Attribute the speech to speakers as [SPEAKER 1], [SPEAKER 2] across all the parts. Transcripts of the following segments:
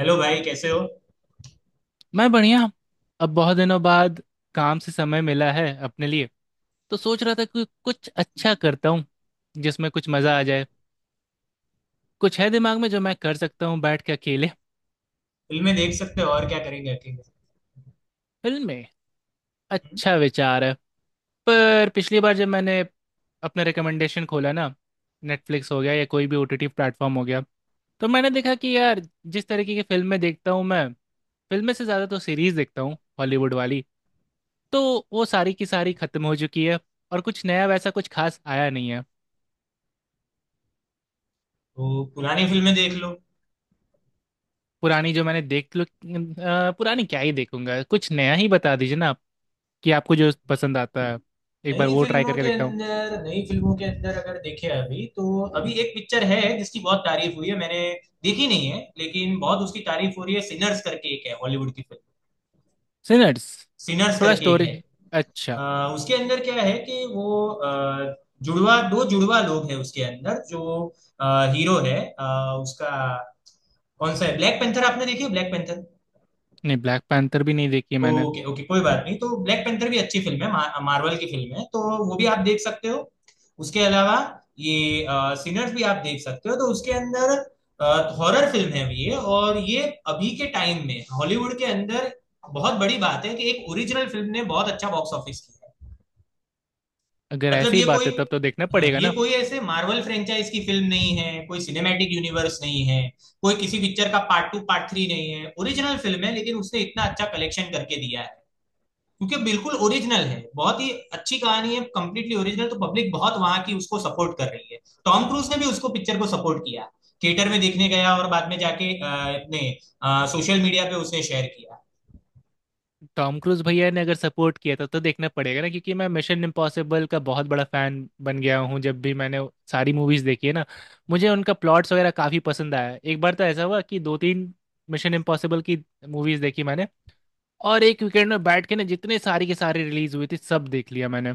[SPEAKER 1] Hello भाई, कैसे हो?
[SPEAKER 2] मैं बढ़िया। अब बहुत दिनों बाद काम से समय मिला है अपने लिए, तो सोच रहा था कि कुछ अच्छा करता हूँ जिसमें कुछ मजा आ जाए। कुछ है दिमाग में जो मैं कर सकता हूँ बैठ के अकेले।
[SPEAKER 1] फिल्में देख सकते हो, और क्या करेंगे अकेले।
[SPEAKER 2] फिल्में,
[SPEAKER 1] हम्म?
[SPEAKER 2] अच्छा विचार है। पर पिछली बार जब मैंने अपना रिकमेंडेशन खोला ना, नेटफ्लिक्स हो गया या कोई भी ओटीटी प्लेटफॉर्म हो गया, तो मैंने देखा कि यार, जिस तरीके की फिल्में देखता हूँ मैं, फिल्में से ज़्यादा तो सीरीज़ देखता हूँ हॉलीवुड वाली, तो वो सारी की सारी खत्म हो चुकी है और कुछ नया वैसा कुछ खास आया नहीं है।
[SPEAKER 1] तो पुरानी फिल्में देख लो।
[SPEAKER 2] पुरानी जो मैंने देख लो पुरानी क्या ही देखूंगा, कुछ नया ही बता दीजिए ना आप, कि आपको जो पसंद आता है। एक बार
[SPEAKER 1] नई
[SPEAKER 2] वो ट्राई
[SPEAKER 1] फिल्मों
[SPEAKER 2] करके
[SPEAKER 1] के
[SPEAKER 2] देखता हूँ।
[SPEAKER 1] अंदर नई फिल्मों के अंदर अगर देखे अभी तो अभी एक पिक्चर है जिसकी बहुत तारीफ हुई है। मैंने देखी नहीं है, लेकिन बहुत उसकी तारीफ हो रही है। सिनर्स करके एक है, हॉलीवुड की फिल्म।
[SPEAKER 2] सिनर्स?
[SPEAKER 1] सिनर्स
[SPEAKER 2] थोड़ा
[SPEAKER 1] करके एक
[SPEAKER 2] स्टोरी।
[SPEAKER 1] है।
[SPEAKER 2] अच्छा।
[SPEAKER 1] उसके अंदर क्या है कि वो जुड़वा दो जुड़वा लोग हैं उसके अंदर, जो हीरो है उसका कौन सा है, ब्लैक पैंथर? आपने देखी है ब्लैक पैंथर?
[SPEAKER 2] नहीं, ब्लैक पैंथर भी नहीं देखी है मैंने।
[SPEAKER 1] ओके, ओके, कोई बात नहीं। तो ब्लैक पैंथर भी अच्छी फिल्म है, मार्वल की फिल्म है, तो वो भी आप देख सकते हो। उसके अलावा ये सिनर्स भी आप देख सकते हो। तो उसके अंदर हॉरर फिल्म है ये, और ये अभी के टाइम में हॉलीवुड के अंदर बहुत बड़ी बात है कि एक ओरिजिनल फिल्म ने बहुत अच्छा बॉक्स ऑफिस किया
[SPEAKER 2] अगर
[SPEAKER 1] है। मतलब
[SPEAKER 2] ऐसी ही
[SPEAKER 1] ये
[SPEAKER 2] बात
[SPEAKER 1] कोई
[SPEAKER 2] है तब तो देखना
[SPEAKER 1] हाँ,
[SPEAKER 2] पड़ेगा
[SPEAKER 1] ये
[SPEAKER 2] ना।
[SPEAKER 1] कोई ऐसे मार्वल फ्रेंचाइज की फिल्म नहीं है, कोई सिनेमैटिक यूनिवर्स नहीं है, कोई किसी पिक्चर का पार्ट टू पार्ट थ्री नहीं है। ओरिजिनल फिल्म है, लेकिन उसने इतना अच्छा कलेक्शन करके दिया है क्योंकि बिल्कुल ओरिजिनल है, बहुत ही अच्छी कहानी है, कंप्लीटली ओरिजिनल, तो पब्लिक बहुत वहां की उसको सपोर्ट कर रही है। टॉम क्रूज ने भी उसको पिक्चर को सपोर्ट किया, थिएटर में देखने गया और बाद में जाके अपने सोशल मीडिया पे उसने शेयर किया।
[SPEAKER 2] टॉम क्रूज भैया ने अगर सपोर्ट किया था तो देखना पड़ेगा ना, क्योंकि मैं मिशन इम्पॉसिबल का बहुत बड़ा फैन बन गया हूँ। जब भी मैंने सारी मूवीज देखी है ना, मुझे उनका प्लॉट्स वगैरह काफी पसंद आया। एक बार तो ऐसा हुआ कि दो तीन मिशन इम्पॉसिबल की मूवीज देखी मैंने, और एक वीकेंड में बैठ के ना जितने सारी के सारी रिलीज हुई थी सब देख लिया मैंने।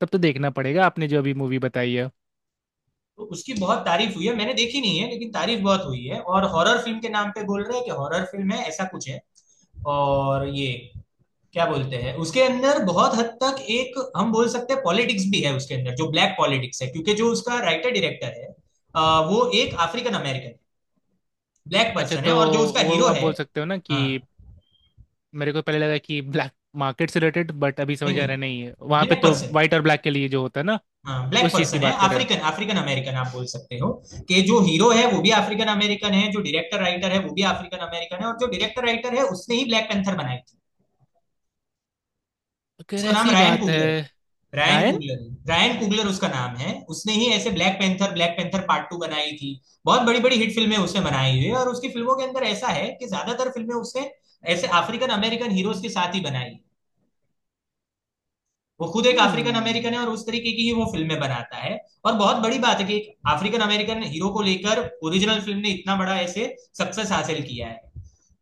[SPEAKER 2] तब तो देखना पड़ेगा आपने जो अभी मूवी बताई है।
[SPEAKER 1] तो उसकी बहुत तारीफ हुई है। मैंने देखी नहीं है लेकिन तारीफ बहुत हुई है, और हॉरर फिल्म के नाम पे बोल रहे हैं कि हॉरर फिल्म है, ऐसा कुछ है। और ये क्या बोलते हैं, उसके अंदर बहुत हद तक एक हम बोल सकते हैं पॉलिटिक्स भी है उसके अंदर, जो ब्लैक पॉलिटिक्स है, क्योंकि जो उसका राइटर डायरेक्टर है वो एक अफ्रीकन अमेरिकन ब्लैक
[SPEAKER 2] अच्छा,
[SPEAKER 1] पर्सन है,
[SPEAKER 2] तो
[SPEAKER 1] और जो उसका
[SPEAKER 2] वो
[SPEAKER 1] हीरो
[SPEAKER 2] आप
[SPEAKER 1] है।
[SPEAKER 2] बोल सकते हो ना कि,
[SPEAKER 1] हाँ।
[SPEAKER 2] मेरे को पहले लगा कि ब्लैक मार्केट से रिलेटेड, बट अभी
[SPEAKER 1] नहीं,
[SPEAKER 2] समझ आ रहा है,
[SPEAKER 1] नहीं,
[SPEAKER 2] नहीं है, वहां पे
[SPEAKER 1] ब्लैक
[SPEAKER 2] तो
[SPEAKER 1] पर्सन,
[SPEAKER 2] वाइट और ब्लैक के लिए जो होता है ना।
[SPEAKER 1] हाँ, ब्लैक
[SPEAKER 2] उस चीज की
[SPEAKER 1] पर्सन है,
[SPEAKER 2] बात कर रहे हो।
[SPEAKER 1] अफ्रीकन अफ्रीकन अमेरिकन आप बोल सकते हो, कि जो हीरो है वो भी अफ्रीकन अमेरिकन है, जो डायरेक्टर राइटर है वो भी अफ्रीकन अमेरिकन है, और जो डायरेक्टर राइटर है उसने ही ब्लैक पैंथर बनाई थी।
[SPEAKER 2] अगर
[SPEAKER 1] उसका नाम
[SPEAKER 2] ऐसी
[SPEAKER 1] रायन
[SPEAKER 2] बात है।
[SPEAKER 1] कुगलर है। Ryan
[SPEAKER 2] Ryan.
[SPEAKER 1] कुगलर है, रायन कुगलर उसका नाम है। उसने ही ऐसे ब्लैक पैंथर पार्ट टू बनाई थी। बहुत बड़ी बड़ी हिट फिल्में उसने बनाई हुई है, और उसकी फिल्मों के अंदर ऐसा है कि ज्यादातर फिल्में उसने ऐसे अफ्रीकन अमेरिकन हीरोज के साथ ही बनाई। वो खुद एक अफ्रीकन अमेरिकन है,
[SPEAKER 2] हम्म।
[SPEAKER 1] और उस तरीके की ही वो फिल्में बनाता है। और बहुत बड़ी बात है कि एक अफ्रीकन अमेरिकन हीरो को लेकर ओरिजिनल फिल्म ने इतना बड़ा ऐसे सक्सेस हासिल किया है।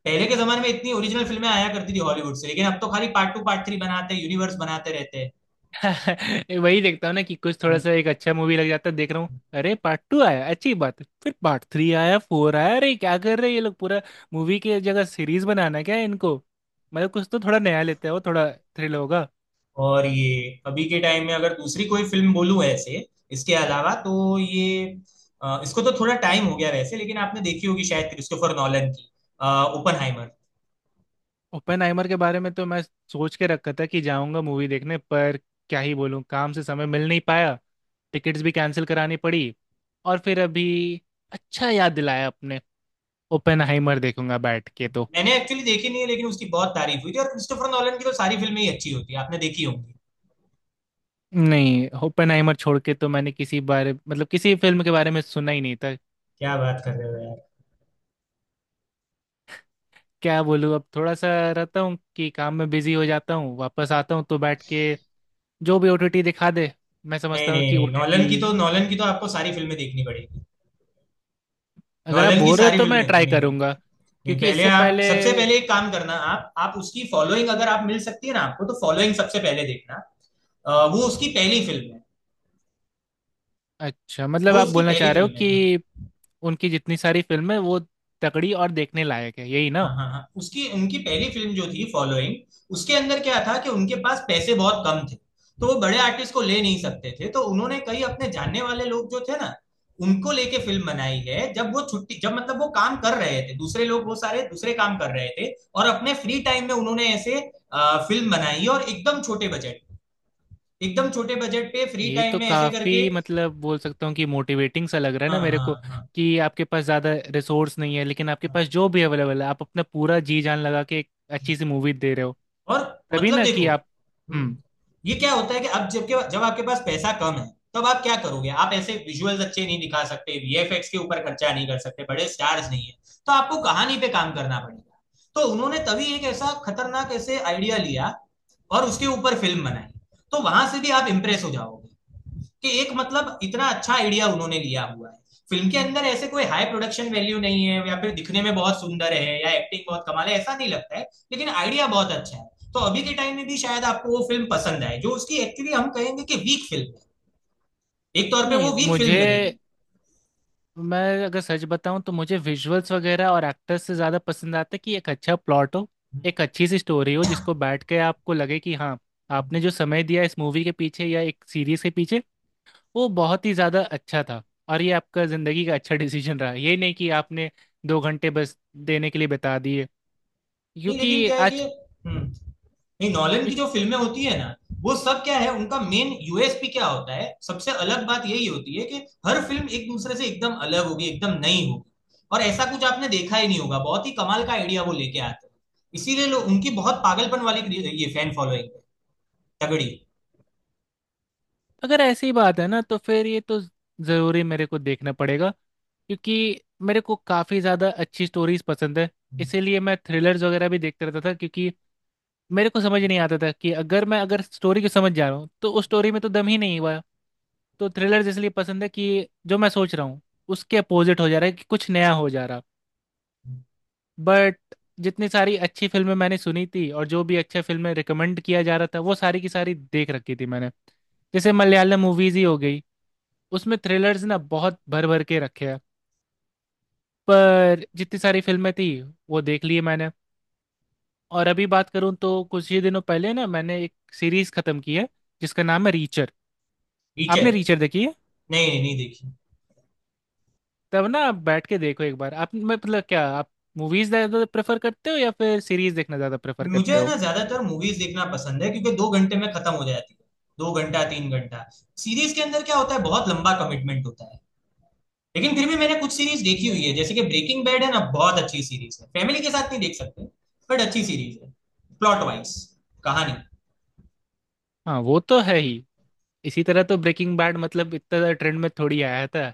[SPEAKER 1] पहले के जमाने में इतनी ओरिजिनल फिल्में आया करती थी हॉलीवुड से, लेकिन अब तो खाली पार्ट टू पार्ट थ्री बनाते हैं, यूनिवर्स बनाते रहते हैं।
[SPEAKER 2] वही देखता हूँ ना कि कुछ थोड़ा
[SPEAKER 1] हम्म।
[SPEAKER 2] सा एक अच्छा मूवी लग जाता है देख रहा हूँ।
[SPEAKER 1] हम्म।
[SPEAKER 2] अरे, पार्ट टू आया, अच्छी बात है, फिर पार्ट थ्री आया, फोर आया, अरे क्या कर रहे हैं ये लोग पूरा! मूवी की जगह सीरीज बनाना है क्या इनको? मतलब कुछ तो थोड़ा नया लेते हैं, वो थोड़ा थ्रिल होगा।
[SPEAKER 1] और ये अभी के टाइम में अगर दूसरी कोई फिल्म बोलूं ऐसे इसके अलावा, तो ये इसको तो थोड़ा टाइम हो गया वैसे, लेकिन आपने देखी होगी शायद, क्रिस्टोफर नॉलन की ओपनहाइमर।
[SPEAKER 2] ओपेनहाइमर के बारे में तो मैं सोच के रखा था कि जाऊंगा मूवी देखने, पर क्या ही बोलूं, काम से समय मिल नहीं पाया। टिकट्स भी कैंसिल करानी पड़ी, और फिर अभी अच्छा याद दिलाया आपने। ओपेनहाइमर देखूंगा बैठ के तो।
[SPEAKER 1] मैंने एक्चुअली देखी नहीं है, लेकिन उसकी बहुत तारीफ हुई थी, और क्रिस्टोफर नॉलन की तो सारी फिल्में ही अच्छी होती है, आपने देखी होंगी।
[SPEAKER 2] नहीं, ओपेनहाइमर छोड़ के तो मैंने किसी बारे, मतलब किसी फिल्म के बारे में सुना ही नहीं था।
[SPEAKER 1] क्या बात कर रहे हो यार!
[SPEAKER 2] क्या बोलूं, अब थोड़ा सा रहता हूँ कि काम में बिजी हो जाता हूँ, वापस आता हूँ तो बैठ के जो भी ओटीटी दिखा दे, मैं
[SPEAKER 1] नहीं
[SPEAKER 2] समझता हूँ
[SPEAKER 1] नहीं
[SPEAKER 2] कि
[SPEAKER 1] नहीं, नॉलन
[SPEAKER 2] ओटीटी।
[SPEAKER 1] की तो नॉलन की तो आपको सारी फिल्में देखनी पड़ेगी।
[SPEAKER 2] अगर आप
[SPEAKER 1] नॉलन की
[SPEAKER 2] बोल रहे हो
[SPEAKER 1] सारी
[SPEAKER 2] तो मैं
[SPEAKER 1] फिल्में, नहीं
[SPEAKER 2] ट्राई
[SPEAKER 1] नहीं नहीं।
[SPEAKER 2] करूंगा,
[SPEAKER 1] नहीं,
[SPEAKER 2] क्योंकि
[SPEAKER 1] पहले
[SPEAKER 2] इससे
[SPEAKER 1] आप,
[SPEAKER 2] पहले।
[SPEAKER 1] सबसे पहले एक काम करना, आप उसकी फॉलोइंग अगर आप मिल सकती है ना आपको, तो फॉलोइंग सबसे पहले देखना। वो उसकी पहली फिल्म है।
[SPEAKER 2] अच्छा
[SPEAKER 1] वो
[SPEAKER 2] मतलब आप
[SPEAKER 1] उसकी
[SPEAKER 2] बोलना
[SPEAKER 1] पहली
[SPEAKER 2] चाह रहे हो
[SPEAKER 1] फिल्म है।
[SPEAKER 2] कि उनकी जितनी सारी फिल्में हैं, वो तगड़ी और देखने लायक है, यही ना।
[SPEAKER 1] हाँ हाँ हाँ, उसकी उनकी पहली फिल्म जो थी फॉलोइंग, उसके अंदर क्या था कि उनके पास पैसे बहुत कम थे, तो वो बड़े आर्टिस्ट को ले नहीं सकते थे, तो उन्होंने कई अपने जानने वाले लोग जो थे ना, उनको लेके फिल्म बनाई है। जब मतलब वो काम कर रहे थे, दूसरे लोग वो सारे दूसरे काम कर रहे थे, और अपने फ्री टाइम में उन्होंने ऐसे फिल्म बनाई। और एकदम छोटे बजट पे फ्री
[SPEAKER 2] ये
[SPEAKER 1] टाइम
[SPEAKER 2] तो
[SPEAKER 1] में ऐसे करके।
[SPEAKER 2] काफी मतलब बोल सकता हूँ कि मोटिवेटिंग सा लग रहा है
[SPEAKER 1] हाँ
[SPEAKER 2] ना मेरे
[SPEAKER 1] हाँ
[SPEAKER 2] को,
[SPEAKER 1] हाँ
[SPEAKER 2] कि आपके पास ज्यादा रिसोर्स नहीं है, लेकिन आपके
[SPEAKER 1] हाँ।
[SPEAKER 2] पास जो भी अवेलेबल है आप अपना पूरा जी जान लगा के एक अच्छी सी मूवी दे रहे हो।
[SPEAKER 1] और
[SPEAKER 2] तभी
[SPEAKER 1] मतलब
[SPEAKER 2] ना
[SPEAKER 1] देखो।
[SPEAKER 2] कि आप।
[SPEAKER 1] हम्म
[SPEAKER 2] हम्म।
[SPEAKER 1] ये क्या होता है कि अब जब जब आपके पास पैसा कम है, तब आप क्या करोगे? आप ऐसे विजुअल्स अच्छे नहीं दिखा सकते, वीएफएक्स के ऊपर खर्चा नहीं कर सकते, बड़े स्टार्स नहीं है, तो आपको कहानी पे काम करना पड़ेगा। तो उन्होंने तभी एक ऐसा खतरनाक ऐसे आइडिया लिया, और उसके ऊपर फिल्म बनाई। तो वहां से भी आप इम्प्रेस हो जाओगे कि एक मतलब इतना अच्छा आइडिया उन्होंने लिया हुआ है। फिल्म के अंदर ऐसे कोई हाई प्रोडक्शन वैल्यू नहीं है, या फिर दिखने में बहुत सुंदर है या एक्टिंग बहुत कमाल है ऐसा नहीं लगता है, लेकिन आइडिया बहुत अच्छा है। तो अभी के टाइम में भी शायद आपको वो फिल्म पसंद आए जो उसकी एक्चुअली हम कहेंगे कि वीक फिल्म है, एक तौर पे
[SPEAKER 2] नहीं,
[SPEAKER 1] वो वीक फिल्म
[SPEAKER 2] मुझे,
[SPEAKER 1] लगेगी।
[SPEAKER 2] मैं अगर सच बताऊं तो मुझे विजुअल्स वगैरह और एक्टर्स से ज़्यादा पसंद आता है कि एक अच्छा प्लॉट हो, एक अच्छी सी स्टोरी हो जिसको बैठ के आपको लगे कि हाँ, आपने जो समय दिया इस मूवी के पीछे या एक सीरीज के पीछे, वो बहुत ही ज़्यादा अच्छा था, और ये आपका ज़िंदगी का अच्छा डिसीजन रहा, ये नहीं कि आपने दो घंटे बस देने के लिए बता दिए।
[SPEAKER 1] नहीं लेकिन
[SPEAKER 2] क्योंकि
[SPEAKER 1] क्या है कि
[SPEAKER 2] आज।
[SPEAKER 1] नहीं, नॉलन की जो फिल्में होती है ना, वो सब क्या है, उनका मेन यूएसपी क्या होता है, सबसे अलग बात यही होती है कि हर फिल्म एक दूसरे से एकदम अलग होगी, एकदम नई होगी, और ऐसा कुछ आपने देखा ही नहीं होगा। बहुत ही कमाल का आइडिया वो लेके आते हैं, इसीलिए लोग उनकी बहुत पागलपन वाली ये फैन फॉलोइंग है तगड़ी।
[SPEAKER 2] अगर ऐसी बात है ना तो फिर ये तो ज़रूरी मेरे को देखना पड़ेगा, क्योंकि मेरे को काफ़ी ज़्यादा अच्छी स्टोरीज पसंद है। इसीलिए मैं थ्रिलर्स वगैरह भी देखते रहता था, क्योंकि मेरे को समझ नहीं आता था कि अगर मैं, अगर स्टोरी को समझ जा रहा हूँ तो उस स्टोरी में तो दम ही नहीं हुआ। तो थ्रिलर्स इसलिए पसंद है कि जो मैं सोच रहा हूँ उसके अपोजिट हो जा रहा है, कि कुछ नया हो जा रहा। बट जितनी सारी अच्छी फिल्में मैंने सुनी थी और जो भी अच्छे फिल्में रिकमेंड किया जा रहा था, वो सारी की सारी देख रखी थी मैंने। जैसे मलयालम मूवीज ही हो गई, उसमें थ्रिलर्स ना बहुत भर भर के रखे हैं, पर जितनी सारी फिल्में थी वो देख ली है मैंने। और अभी बात करूं तो कुछ ही दिनों पहले ना मैंने एक सीरीज खत्म की है जिसका नाम है रीचर।
[SPEAKER 1] टीचर?
[SPEAKER 2] आपने रीचर देखी है?
[SPEAKER 1] नहीं नहीं नहीं देखी।
[SPEAKER 2] तब ना आप बैठ के देखो एक बार आप, मैं मतलब क्या आप मूवीज ज्यादा प्रेफर करते हो या फिर सीरीज देखना ज्यादा प्रेफर
[SPEAKER 1] मुझे
[SPEAKER 2] करते
[SPEAKER 1] है
[SPEAKER 2] हो?
[SPEAKER 1] ना ज्यादातर मूवीज देखना पसंद है, क्योंकि 2 घंटे में खत्म हो जाती है, 2 घंटा 3 घंटा। सीरीज के अंदर क्या होता है, बहुत लंबा कमिटमेंट होता है। लेकिन फिर भी मैंने कुछ सीरीज देखी हुई है, जैसे कि ब्रेकिंग बैड है ना, बहुत अच्छी सीरीज है, फैमिली के साथ नहीं देख सकते, बट अच्छी सीरीज है, प्लॉट वाइज, कहानी।
[SPEAKER 2] हाँ, वो तो है ही। इसी तरह तो ब्रेकिंग बैड, मतलब इतना ज्यादा ट्रेंड में थोड़ी आया था,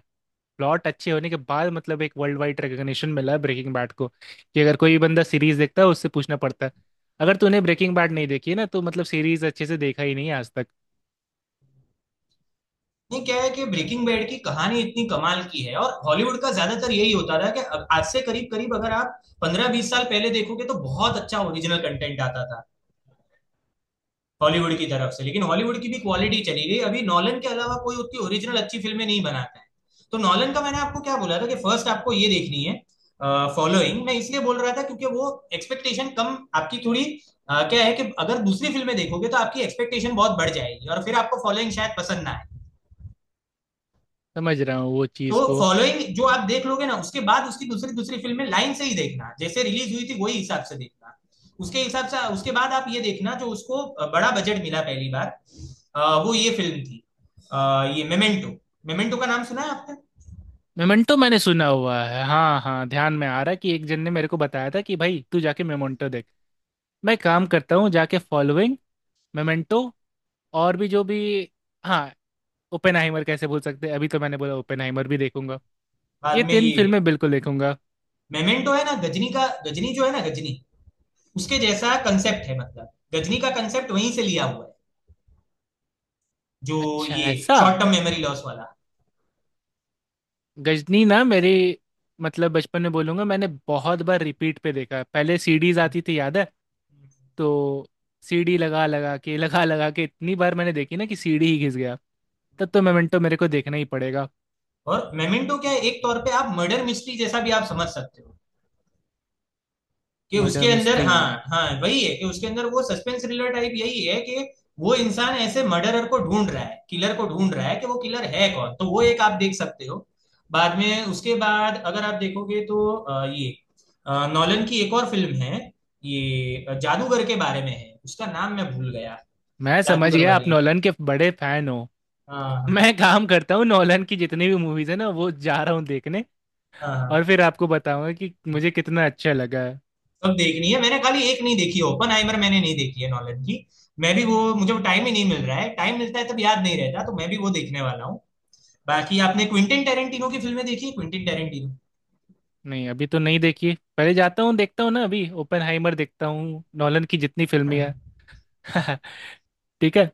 [SPEAKER 2] प्लॉट अच्छे होने के बाद मतलब एक वर्ल्ड वाइड रिकग्निशन मिला है ब्रेकिंग बैड को, कि अगर कोई बंदा सीरीज देखता है उससे पूछना पड़ता है, अगर तूने ब्रेकिंग बैड नहीं देखी है ना तो मतलब सीरीज अच्छे से देखा ही नहीं है आज तक।
[SPEAKER 1] नहीं, क्या है कि ब्रेकिंग बैड की कहानी इतनी कमाल की है, और हॉलीवुड का ज्यादातर यही होता था कि अब आज से करीब करीब अगर आप 15-20 साल पहले देखोगे, तो बहुत अच्छा ओरिजिनल कंटेंट आता था हॉलीवुड की तरफ से, लेकिन हॉलीवुड की भी क्वालिटी चली गई, अभी नॉलन के अलावा कोई उतनी ओरिजिनल अच्छी फिल्में नहीं बनाता है। तो नॉलन का मैंने आपको क्या बोला था कि फर्स्ट आपको ये देखनी है, फॉलोइंग। मैं इसलिए बोल रहा था क्योंकि वो एक्सपेक्टेशन कम आपकी थोड़ी, क्या है कि अगर दूसरी फिल्में देखोगे तो आपकी एक्सपेक्टेशन बहुत बढ़ जाएगी, और फिर आपको फॉलोइंग शायद पसंद ना आए।
[SPEAKER 2] समझ रहा हूँ वो
[SPEAKER 1] तो
[SPEAKER 2] चीज़ को।
[SPEAKER 1] फॉलोइंग जो आप देख लोगे ना, उसके बाद उसकी दूसरी दूसरी फिल्म में लाइन से ही देखना, जैसे रिलीज हुई थी वही हिसाब से देखना। उसके हिसाब से उसके बाद आप ये देखना जो उसको बड़ा बजट मिला पहली बार, वो ये फिल्म थी, ये मेमेंटो। मेमेंटो का नाम सुना है आपने?
[SPEAKER 2] मेमेंटो मैंने सुना हुआ है, हाँ हाँ, ध्यान में आ रहा है कि एक जन ने मेरे को बताया था कि भाई तू जाके मेमेंटो देख। मैं काम करता हूँ, जाके फॉलोइंग, मेमेंटो, और भी जो भी, हाँ, ओपेनहाइमर कैसे भूल सकते हैं, अभी तो मैंने बोला ओपेनहाइमर भी देखूंगा।
[SPEAKER 1] बाद
[SPEAKER 2] ये
[SPEAKER 1] में
[SPEAKER 2] तीन
[SPEAKER 1] ये
[SPEAKER 2] फिल्में बिल्कुल देखूंगा।
[SPEAKER 1] मेमेंटो है ना, गजनी का, गजनी जो है ना गजनी, उसके जैसा कंसेप्ट है, मतलब गजनी का कंसेप्ट वहीं से लिया हुआ है जो
[SPEAKER 2] अच्छा,
[SPEAKER 1] ये,
[SPEAKER 2] ऐसा।
[SPEAKER 1] शॉर्ट टर्म मेमोरी लॉस वाला।
[SPEAKER 2] गजनी ना मेरी, मतलब बचपन में बोलूंगा, मैंने बहुत बार रिपीट पे देखा है। पहले सीडीज आती थी याद है? तो सीडी लगा लगा के लगा लगा के इतनी बार मैंने देखी ना कि सीडी ही घिस गया। तब तो मोमेंटो मेरे को देखना ही पड़ेगा।
[SPEAKER 1] और मेमेंटो क्या है, एक तौर पे आप मर्डर मिस्ट्री जैसा भी आप समझ सकते हो कि
[SPEAKER 2] मर्डर
[SPEAKER 1] उसके अंदर,
[SPEAKER 2] मिस्ट्री?
[SPEAKER 1] हाँ, हाँ वही है कि उसके अंदर वो सस्पेंस थ्रिलर टाइप, यही है कि वो इंसान ऐसे मर्डरर को ढूंढ रहा है, किलर को ढूंढ रहा है कि वो किलर है कौन, तो वो एक आप देख सकते हो। बाद में उसके बाद अगर आप देखोगे तो ये नॉलन की एक और फिल्म है, ये जादूगर के बारे में है, उसका नाम मैं भूल गया।
[SPEAKER 2] मैं समझ
[SPEAKER 1] जादूगर
[SPEAKER 2] गया, आप
[SPEAKER 1] वाली।
[SPEAKER 2] नोलन के बड़े फैन हो।
[SPEAKER 1] हाँ हाँ
[SPEAKER 2] मैं काम करता हूँ, नोलन की जितनी भी मूवीज है ना वो जा रहा हूँ देखने,
[SPEAKER 1] हाँ हाँ,
[SPEAKER 2] और फिर आपको बताऊंगा कि
[SPEAKER 1] हाँ।
[SPEAKER 2] मुझे कितना अच्छा लगा।
[SPEAKER 1] सब देखनी है, मैंने खाली एक नहीं देखी ओपन हाइमर, मैंने नहीं देखी है नॉलन की। मैं भी वो, मुझे टाइम ही नहीं मिल रहा है, टाइम मिलता है तब याद नहीं रहता, तो मैं भी वो देखने वाला हूँ। बाकी आपने क्विंटिन टेरेंटिनो की फिल्में देखी है, क्विंटिन टेरेंटिनो?
[SPEAKER 2] नहीं अभी तो नहीं देखी, पहले जाता हूँ देखता हूँ ना, अभी ओपेनहाइमर देखता हूँ, नॉलन की जितनी फिल्में
[SPEAKER 1] हाँ,
[SPEAKER 2] हैं। ठीक है।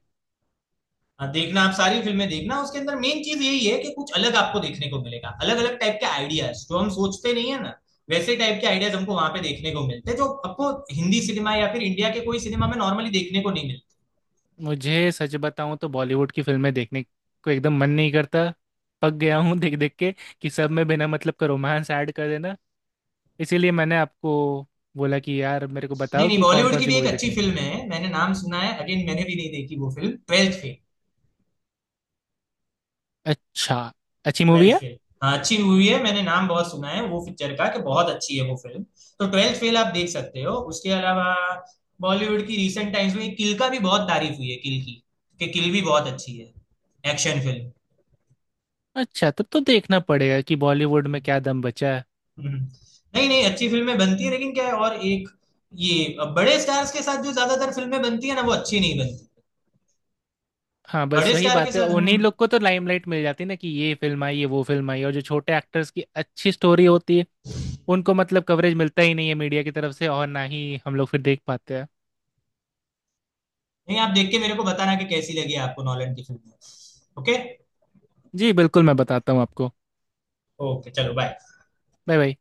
[SPEAKER 1] हाँ, देखना, आप सारी फिल्में देखना, उसके अंदर मेन चीज यही है कि कुछ अलग आपको देखने को मिलेगा, अलग अलग टाइप के आइडियाज जो हम सोचते नहीं है ना, वैसे टाइप के आइडियाज हमको वहां पे देखने को मिलते हैं, जो आपको हिंदी सिनेमा या फिर इंडिया के कोई सिनेमा में नॉर्मली देखने को नहीं मिलते।
[SPEAKER 2] मुझे सच बताऊँ तो बॉलीवुड की फिल्में देखने को एकदम मन नहीं करता, पक गया हूँ देख देख के कि सब में बिना मतलब का रोमांस ऐड कर देना। इसीलिए मैंने आपको बोला कि यार मेरे को
[SPEAKER 1] नहीं
[SPEAKER 2] बताओ
[SPEAKER 1] नहीं,
[SPEAKER 2] कि कौन
[SPEAKER 1] बॉलीवुड
[SPEAKER 2] कौन
[SPEAKER 1] की
[SPEAKER 2] सी
[SPEAKER 1] भी एक
[SPEAKER 2] मूवी
[SPEAKER 1] अच्छी
[SPEAKER 2] देखनी।
[SPEAKER 1] फिल्म है, मैंने नाम सुना है अगेन, मैंने भी नहीं देखी वो फिल्म, ट्वेल्थ फेल।
[SPEAKER 2] अच्छा, अच्छी मूवी
[SPEAKER 1] ट्वेल्थ
[SPEAKER 2] है।
[SPEAKER 1] फेल, हाँ अच्छी हुई है, मैंने नाम बहुत सुना है वो पिक्चर का कि बहुत अच्छी है वो फिल्म। तो ट्वेल्थ फेल आप देख सकते हो, उसके अलावा बॉलीवुड की रिसेंट टाइम्स में किल का भी बहुत तारीफ हुई है, किल की, कि किल भी बहुत अच्छी है, एक्शन फिल्म।
[SPEAKER 2] अच्छा, तब तो देखना पड़ेगा कि बॉलीवुड में क्या दम बचा है।
[SPEAKER 1] हम्म। नहीं नहीं, अच्छी फिल्में बनती है लेकिन क्या है, और एक ये, अब बड़े स्टार्स के साथ जो ज्यादातर फिल्में बनती है ना वो अच्छी नहीं बनती,
[SPEAKER 2] हाँ, बस
[SPEAKER 1] बड़े
[SPEAKER 2] वही
[SPEAKER 1] स्टार के
[SPEAKER 2] बात है,
[SPEAKER 1] साथ। हम्म।
[SPEAKER 2] उन्हीं
[SPEAKER 1] नहीं,
[SPEAKER 2] लोग को तो लाइमलाइट मिल जाती है ना कि ये फिल्म आई, ये वो फिल्म आई, और जो छोटे एक्टर्स की अच्छी स्टोरी होती है उनको मतलब कवरेज मिलता ही नहीं है मीडिया की तरफ से, और ना ही हम लोग फिर देख पाते हैं।
[SPEAKER 1] आप देख के मेरे को बताना कि कैसी लगी आपको नॉलन की फिल्म। ओके।
[SPEAKER 2] जी, बिल्कुल मैं बताता हूँ आपको।
[SPEAKER 1] ओके, चलो, बाय।
[SPEAKER 2] Bye bye.